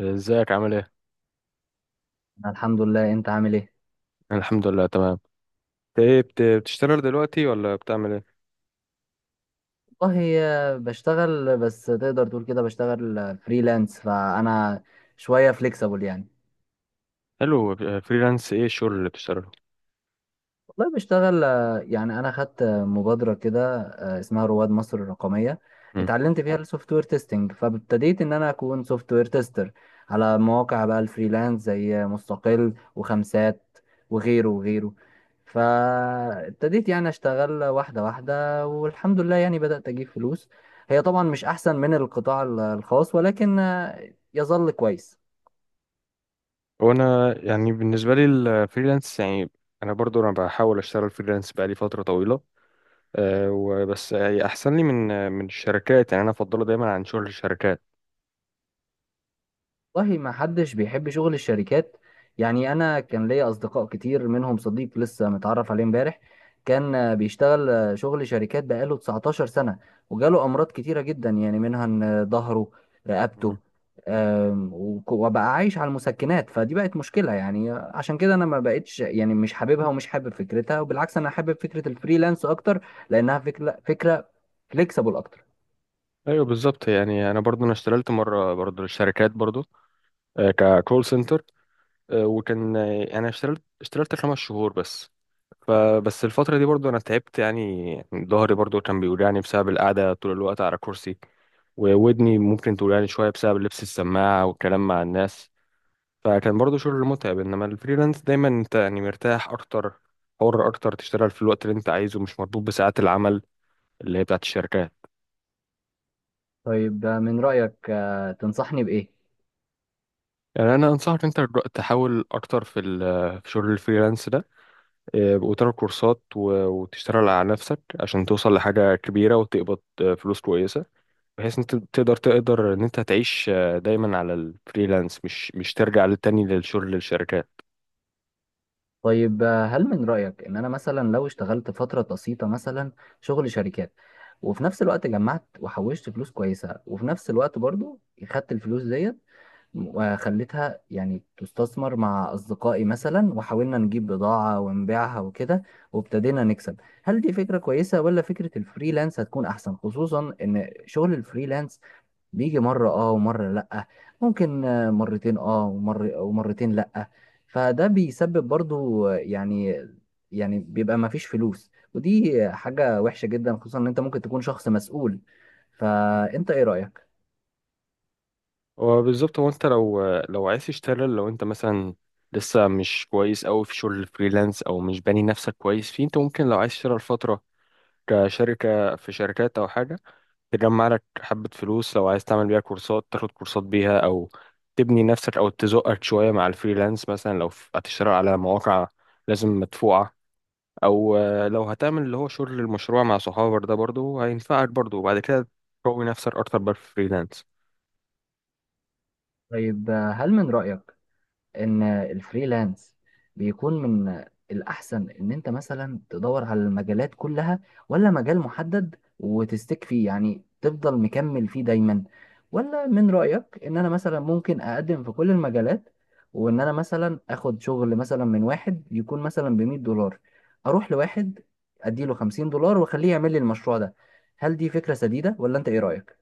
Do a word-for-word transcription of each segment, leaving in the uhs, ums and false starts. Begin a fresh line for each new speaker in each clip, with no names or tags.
ازيك عامل ايه؟
أنا الحمد لله، انت عامل ايه؟
أنا الحمد لله تمام. إنت ايه بت- بتشتغل دلوقتي ولا بتعمل ايه؟
والله آه، بشتغل، بس تقدر تقول كده بشتغل فريلانس، فانا شويه فليكسبل يعني.
حلو، آه، فريلانس ايه الشغل اللي بتشتغله؟
والله بشتغل، آه، يعني انا خدت مبادره كده، آه، اسمها رواد مصر الرقميه.
مم.
اتعلمت فيها السوفت وير تيستنج، فابتديت ان انا اكون سوفت وير تيستر على مواقع بقى الفريلانس زي مستقل وخمسات وغيره وغيره. فابتديت يعني اشتغل واحده واحده، والحمد لله يعني بدات اجيب فلوس. هي طبعا مش احسن من القطاع الخاص، ولكن آه، يظل كويس.
وانا يعني بالنسبة لي الفريلانس يعني انا برضو انا بحاول اشتغل فريلانس بقالي فترة طويلة. أه وبس يعني احسن لي من آه، من الشركات، يعني انا افضله دايما عن شغل الشركات.
والله ما حدش بيحب شغل الشركات. يعني انا كان ليا اصدقاء كتير، منهم صديق لسه متعرف عليه امبارح كان بيشتغل شغل شركات بقاله 19 سنة، وجاله امراض كتيرة جدا، يعني منها ان ظهره،
مم.
رقبته، آم، وك- وبقى عايش على المسكنات. فدي بقت مشكلة، يعني عشان كده انا ما بقتش، يعني مش حاببها ومش حابب فكرتها، وبالعكس انا حابب فكرة الفريلانس اكتر، لانها فكرة فكرة فليكسبل اكتر.
ايوه بالظبط، يعني انا برضو انا اشتغلت مرة برضو للشركات برضو، أه ككول سنتر. آه، وكان، آه، انا اشتغلت اشتغلت خمس شهور بس. فبس الفترة دي برضو أنا تعبت، يعني ظهري برضو كان بيوجعني بسبب القعدة طول الوقت على كرسي، وودني ممكن توجعني شوية بسبب لبس السماعة والكلام مع الناس. فكان برضو شغل متعب، إنما الفريلانس دايما أنت يعني مرتاح أكتر، حر أكتر، تشتغل في الوقت اللي أنت عايزه، مش مربوط بساعات العمل اللي هي بتاعت الشركات.
طيب من رأيك آه، تنصحني بإيه؟
يعني أنا أنصحك أنت تحاول أكتر في ال- في شغل الفريلانس ده، آه، وتاخد كورسات و- وتشتغل على نفسك عشان توصل لحاجة كبيرة وتقبض، آه، فلوس كويسة، بحيث انت تقدر تقدر ان انت تعيش، آه، دايما على الفريلانس، مش مش ترجع للتاني، للشغل للشركات.
طيب آه، هل من رأيك إن أنا مثلا لو اشتغلت فترة بسيطة، مثلا شغل شركات، وفي نفس الوقت جمعت وحوشت فلوس كويسة، وفي نفس الوقت برضو خدت الفلوس ديت وخليتها يعني تستثمر مع أصدقائي مثلا، وحاولنا نجيب بضاعة ونبيعها وكده، وابتدينا نكسب، هل دي فكرة كويسة، ولا فكرة الفريلانس هتكون أحسن؟ خصوصا إن شغل الفريلانس بيجي مرة اه ومرة لأ، ممكن آه، مرتين اه ومر ومرتين لأ، فده بيسبب برضو آه، يعني، يعني بيبقى ما فيش فلوس، ودي حاجة وحشة جدا خصوصا ان انت ممكن تكون شخص مسؤول.
مم.
فانت ايه رأيك؟
وبالظبط هو انت لو، لو عايز تشتغل، لو انت مثلا لسه مش كويس قوي في شغل الفريلانس او مش باني نفسك كويس فيه، انت ممكن لو عايز تشتغل فترة كشركة في شركات او حاجة، تجمع لك حبة فلوس لو عايز تعمل بيها كورسات، تاخد كورسات بيها أو تبني نفسك أو تزقك شوية مع الفريلانس. مثلا لو ف- هتشتغل على مواقع لازم مدفوعة، أو آه، لو هتعمل اللي هو شغل المشروع مع صحابك ده، برضه هينفعك برضه، وبعد كده تقوي نفسك أكتر بقى في الفريلانس.
طيب آه، هل من رأيك ان الفريلانس بيكون من الاحسن ان انت مثلا تدور على المجالات كلها، ولا مجال محدد وتستك فيه، يعني تفضل مكمل فيه دايما؟ ولا من رأيك ان انا مثلا ممكن اقدم في كل المجالات، وان انا مثلا اخد شغل مثلا من واحد يكون مثلا ب مية دولار، اروح لواحد اديله خمسين دولار واخليه يعمل لي المشروع ده، هل دي فكرة سديدة ولا انت ايه رأيك؟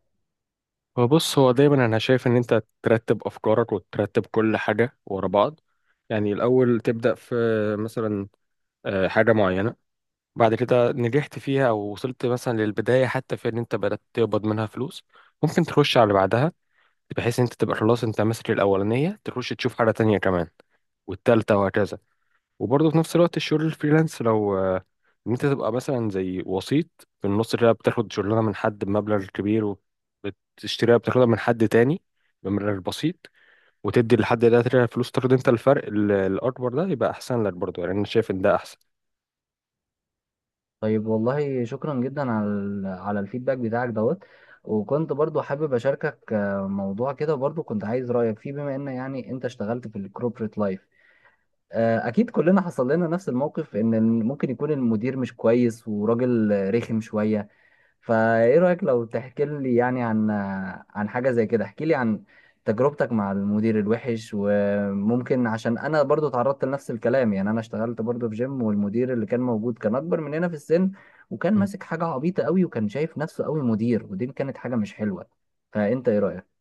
فبص، هو دايما أنا شايف إن أنت ترتب أفكارك وترتب كل حاجة ورا بعض، يعني الأول تبدأ في مثلا، آه، حاجة معينة، بعد كده نجحت فيها او وصلت مثلا للبدايه، حتى في ان انت بدات تقبض منها فلوس، ممكن تخش على اللي بعدها، بحيث ان انت تبقى خلاص انت ماسك الاولانيه، تخش تشوف حاجه تانية كمان، والتالتة وهكذا. وبرضه في نفس الوقت الشغل الفريلانس، لو آه، ان انت تبقى مثلا زي وسيط في النص كده، بتاخد شغلانة من حد بمبلغ كبير، وبتشتريها، بتاخدها من حد تاني بمبلغ بسيط، وتدي لحد ده تلاتة فلوس، تاخد انت الفرق ال- الأكبر ده، يبقى أحسن لك برضه. يعني أنا شايف إن ده أحسن.
طيب والله شكرا جدا على ال- على الفيدباك بتاعك دوت. وكنت برضو حابب اشاركك آه، موضوع كده، برضو كنت عايز رايك فيه، بما ان يعني انت اشتغلت في الكوربريت لايف. اكيد كلنا حصل لنا نفس الموقف، ان ال- ممكن يكون المدير مش كويس، وراجل آه، رخم شويه. فايه رأيك لو تحكي لي، يعني عن عن حاجة زي كده، احكي لي عن تجربتك مع المدير الوحش. وممكن عشان انا برضو اتعرضت لنفس الكلام، يعني انا اشتغلت برضو في جيم، والمدير اللي كان موجود كان اكبر مننا في السن، وكان ماسك حاجة عبيطة قوي، وكان شايف نفسه قوي مدير، ودي كانت حاجة مش حلوة. فانت ايه رأيك؟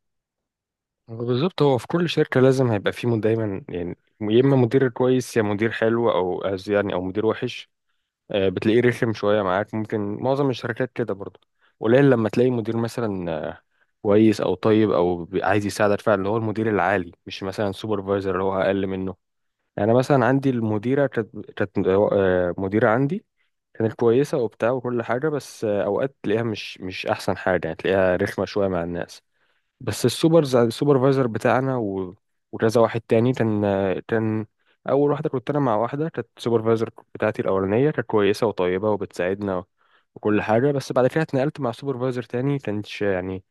بالظبط، هو في كل شركة لازم هيبقى فيه مد- دايما، يعني يا إما مدير كويس يا مدير حلو، أو أز- يعني أو مدير وحش، آه، بتلاقيه رخم شوية معاك. ممكن معظم الشركات كده برضه. قليل لما تلاقي مدير مثلا، آه، كويس أو طيب أو بي- عايز يساعدك فعلا، اللي هو المدير العالي مش مثلا سوبرفايزر اللي هو أقل منه. يعني أنا مثلا عندي المديرة، كانت كانت، آه، مديرة عندي كانت كويسة وبتاع وكل حاجة، بس آه، أوقات تلاقيها مش مش أحسن حاجة، يعني تلاقيها رخمة شوية مع الناس. بس السوبر السوبرفايزر بتاعنا و... وكذا واحد تاني كان، كان اول واحده كنت انا مع واحده، كانت السوبرفايزر بتاعتي الاولانيه كانت كويسه وطيبه وبتساعدنا وكل حاجه، بس بعد كده اتنقلت مع سوبرفايزر تاني، كانش يعني،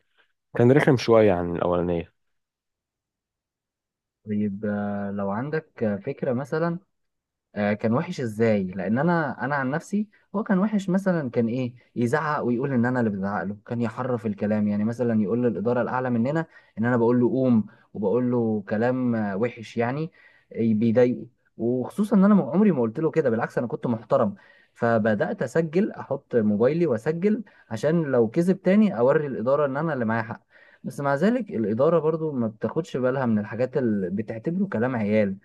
كان رخم شويه عن الاولانيه.
طيب آه، لو عندك فكرة مثلا، آه، كان وحش ازاي؟ لان انا انا عن نفسي، هو كان وحش، مثلا كان ايه، يزعق ويقول ان انا اللي بزعق له، كان يحرف الكلام، يعني مثلا يقول للاداره الاعلى مننا ان انا بقول له قوم، وبقول له كلام آه، وحش يعني، آه، بيضايقه. وخصوصا ان انا م- عمري ما قلت له كده، بالعكس انا كنت محترم. فبدات اسجل، احط موبايلي واسجل، عشان لو كذب تاني اوري الاداره ان انا اللي معايا حق. بس مع ذلك الاداره برضو ما بتاخدش بالها من الحاجات، اللي بتعتبره كلام عيال،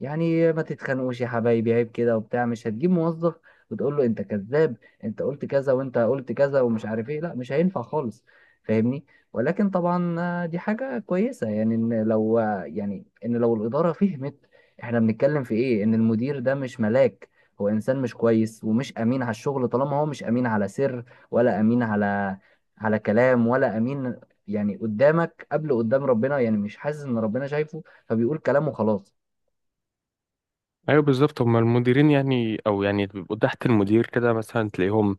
يعني ما تتخانقوش يا حبايبي، عيب كده وبتاع، مش هتجيب موظف وتقول له انت كذاب، انت قلت كذا وانت قلت كذا ومش عارف ايه، لا مش هينفع خالص. فاهمني؟ ولكن طبعا آه، دي حاجة كويسة، يعني ان لو آه، يعني ان لو الإدارة فهمت احنا بنتكلم في ايه، ان المدير ده مش ملاك، هو انسان مش كويس ومش امين على الشغل. طالما هو مش امين على سر، ولا امين على على كلام، ولا امين، يعني قدامك قبل قدام ربنا، يعني مش حاسس ان ربنا شايفه، فبيقول كلامه خلاص.
ايوه بالظبط، هما المديرين يعني او يعني بيبقوا تحت المدير كده، مثلا تلاقيهم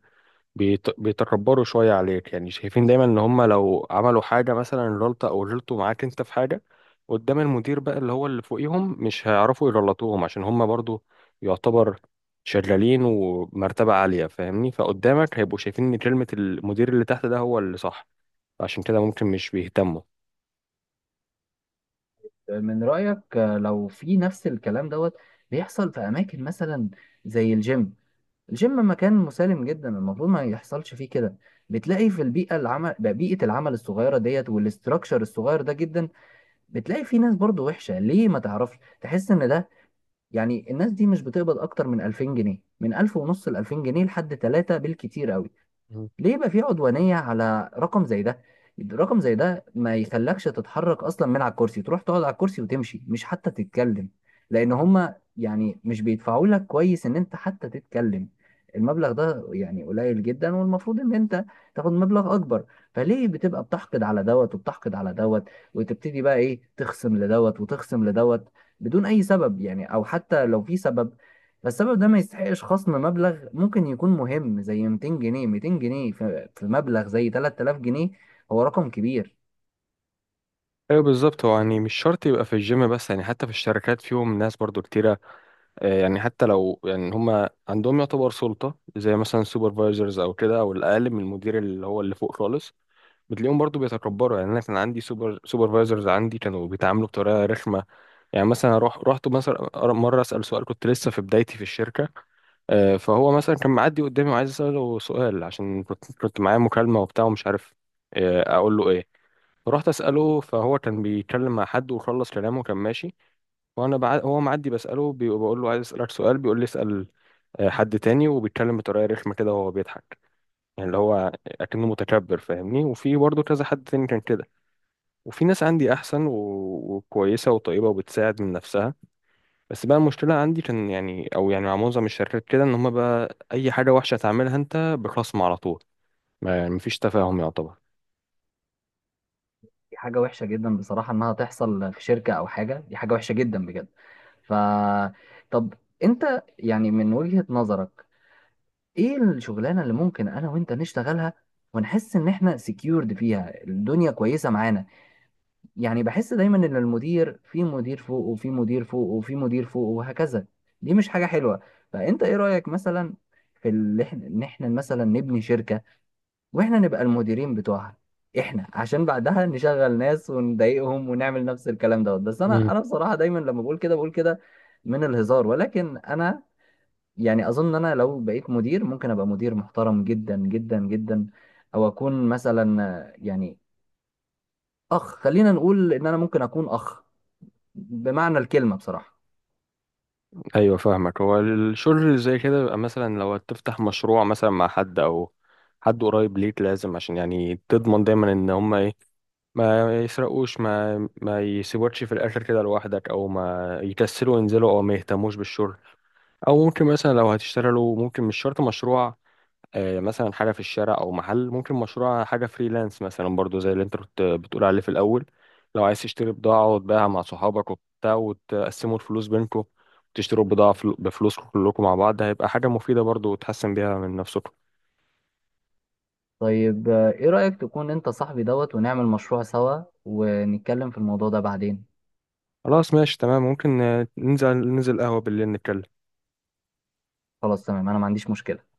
بيت... بيتكبروا شوية عليك، يعني شايفين دايما ان هم لو عملوا حاجة مثلا غلطة او غلطوا معاك انت في حاجة، قدام المدير بقى اللي هو اللي فوقيهم مش هيعرفوا يغلطوهم، عشان هم برضو يعتبر شغالين ومرتبة عالية، فاهمني؟ فقدامك هيبقوا شايفين ان كلمة المدير اللي تحت ده هو اللي صح، عشان كده ممكن مش بيهتموا.
من رأيك آه، لو في نفس الكلام دوت بيحصل في أماكن مثلا زي الجيم؟ الجيم مكان مسالم جدا، المفروض ما يحصلش فيه كده. بتلاقي في البيئة العمل، بقى بيئة العمل الصغيرة ديت والاستراكشر الصغير ده جدا، بتلاقي في ناس برضو وحشة. ليه؟ ما تعرفش تحس إن ده، يعني الناس دي مش بتقبض أكتر من الفين جنيه، من الف ونص ل الفين جنيه، لحد تلاتة بالكتير أوي.
مم.
ليه يبقى في عدوانية على رقم زي ده؟ رقم زي ده ما يخلكش تتحرك اصلا من على الكرسي، تروح تقعد على الكرسي وتمشي، مش حتى تتكلم، لان هما يعني مش بيدفعوا لك كويس ان انت حتى تتكلم. المبلغ ده يعني قليل جدا، والمفروض ان انت تاخد مبلغ اكبر. فليه بتبقى بتحقد على دوت وبتحقد على دوت، وتبتدي بقى ايه تخصم لدوت وتخصم لدوت، بدون اي سبب؟ يعني او حتى لو في سبب، فالسبب ده ما يستحقش خصم مبلغ ممكن يكون مهم زي ميتين جنيه. ميتين جنيه في في مبلغ زي تلات آلاف جنيه هو رقم كبير.
ايوه بالظبط، هو يعني مش شرط يبقى في الجيم بس، يعني حتى في الشركات فيهم ناس برضو كتيرة، آه، يعني حتى لو يعني هم عندهم يعتبر سلطة زي مثلا سوبرفايزرز أو كده، أو الأقل من المدير اللي هو اللي فوق خالص، بتلاقيهم برضو بيتكبروا. يعني أنا كان عندي سوبر سوبرفايزرز عندي كانوا بيتعاملوا بطريقة رخمة. يعني مثلا روح رحت مثلا مرة أسأل سؤال، كنت لسه في بدايتي في الشركة، آه، فهو مثلا كان معدي قدامي وعايز اساله سؤال، عشان كنت كنت معايا مكالمه وبتاع ومش عارف، آه، اقول له ايه. فرحت اساله، فهو كان بيتكلم مع حد وخلص كلامه كان ماشي، وانا بع... هو معدي بساله، بي... بقول له عايز اسالك سؤال، بيقول لي اسال آه، حد تاني، وبيتكلم بطريقه رخمه كده وهو بيضحك، يعني اللي هو اكنه متكبر، فاهمني؟ وفي برضه كذا حد تاني كان كده. وفي ناس عندي احسن و... وكويسه وطيبه وبتساعد من نفسها. بس بقى المشكله عندي كان يعني او يعني مع معظم الشركات كده، ان هم بقى اي حاجه وحشه تعملها انت بخصم على طول، ما يعني مفيش تفاهم يعتبر.
دي حاجة وحشة جدا بصراحة إنها تحصل في شركة أو حاجة، دي حاجة وحشة جدا بجد. ف طب أنت يعني من وجهة نظرك، إيه الشغلانة اللي ممكن أنا وأنت نشتغلها، ونحس إن إحنا سكيورد فيها، الدنيا كويسة معانا؟ يعني بحس دايما ان المدير في مدير فوق وفي مدير فوق وفي مدير فوق وهكذا، دي مش حاجة حلوة. فانت ايه رأيك مثلا في ال- ان احنا مثلا نبني شركة، واحنا نبقى المديرين بتوعها احنا، عشان بعدها نشغل ناس ونضايقهم ونعمل نفس الكلام دوت؟ بس انا انا بصراحة دايما لما بقول كده بقول كده من الهزار، ولكن انا يعني اظن ان انا لو بقيت مدير ممكن ابقى مدير محترم جدا جدا جدا. او اكون مثلا يعني اخ، خلينا نقول ان انا ممكن اكون اخ بمعنى الكلمة بصراحة.
ايوه فاهمك، هو الشغل اللي زي كده بيبقى مثلا لو تفتح مشروع مثلا مع حد او حد قريب ليك، لازم عشان يعني تضمن دايما ان هما ايه، ما يسرقوش، ما ما يسيبوكش في الاخر كده لوحدك، او ما يكسلوا ينزلوا او ما يهتموش بالشغل. او ممكن مثلا لو هتشتغلوا، ممكن مش شرط مشروع، آه، مثلا حاجة في الشارع أو محل، ممكن مشروع حاجة فريلانس مثلا برضو زي اللي أنت كنت بتقول عليه في الأول. لو عايز تشتري بضاعة وتبيعها مع صحابك وبتاع وتقسموا الفلوس بينكم، وتشتروا بضاعة فل- بفلوسكم كلكم مع بعض، هيبقى حاجة مفيدة برضو وتحسن بيها من نفسكم.
طيب آه، ايه رأيك تكون انت صاحبي دوت ونعمل مشروع سوا، ونتكلم في الموضوع ده بعدين؟
خلاص ماشي تمام، ممكن آه، ننزل ننزل قهوة بالليل نتكلم.
خلاص تمام، انا ما عنديش مشكلة.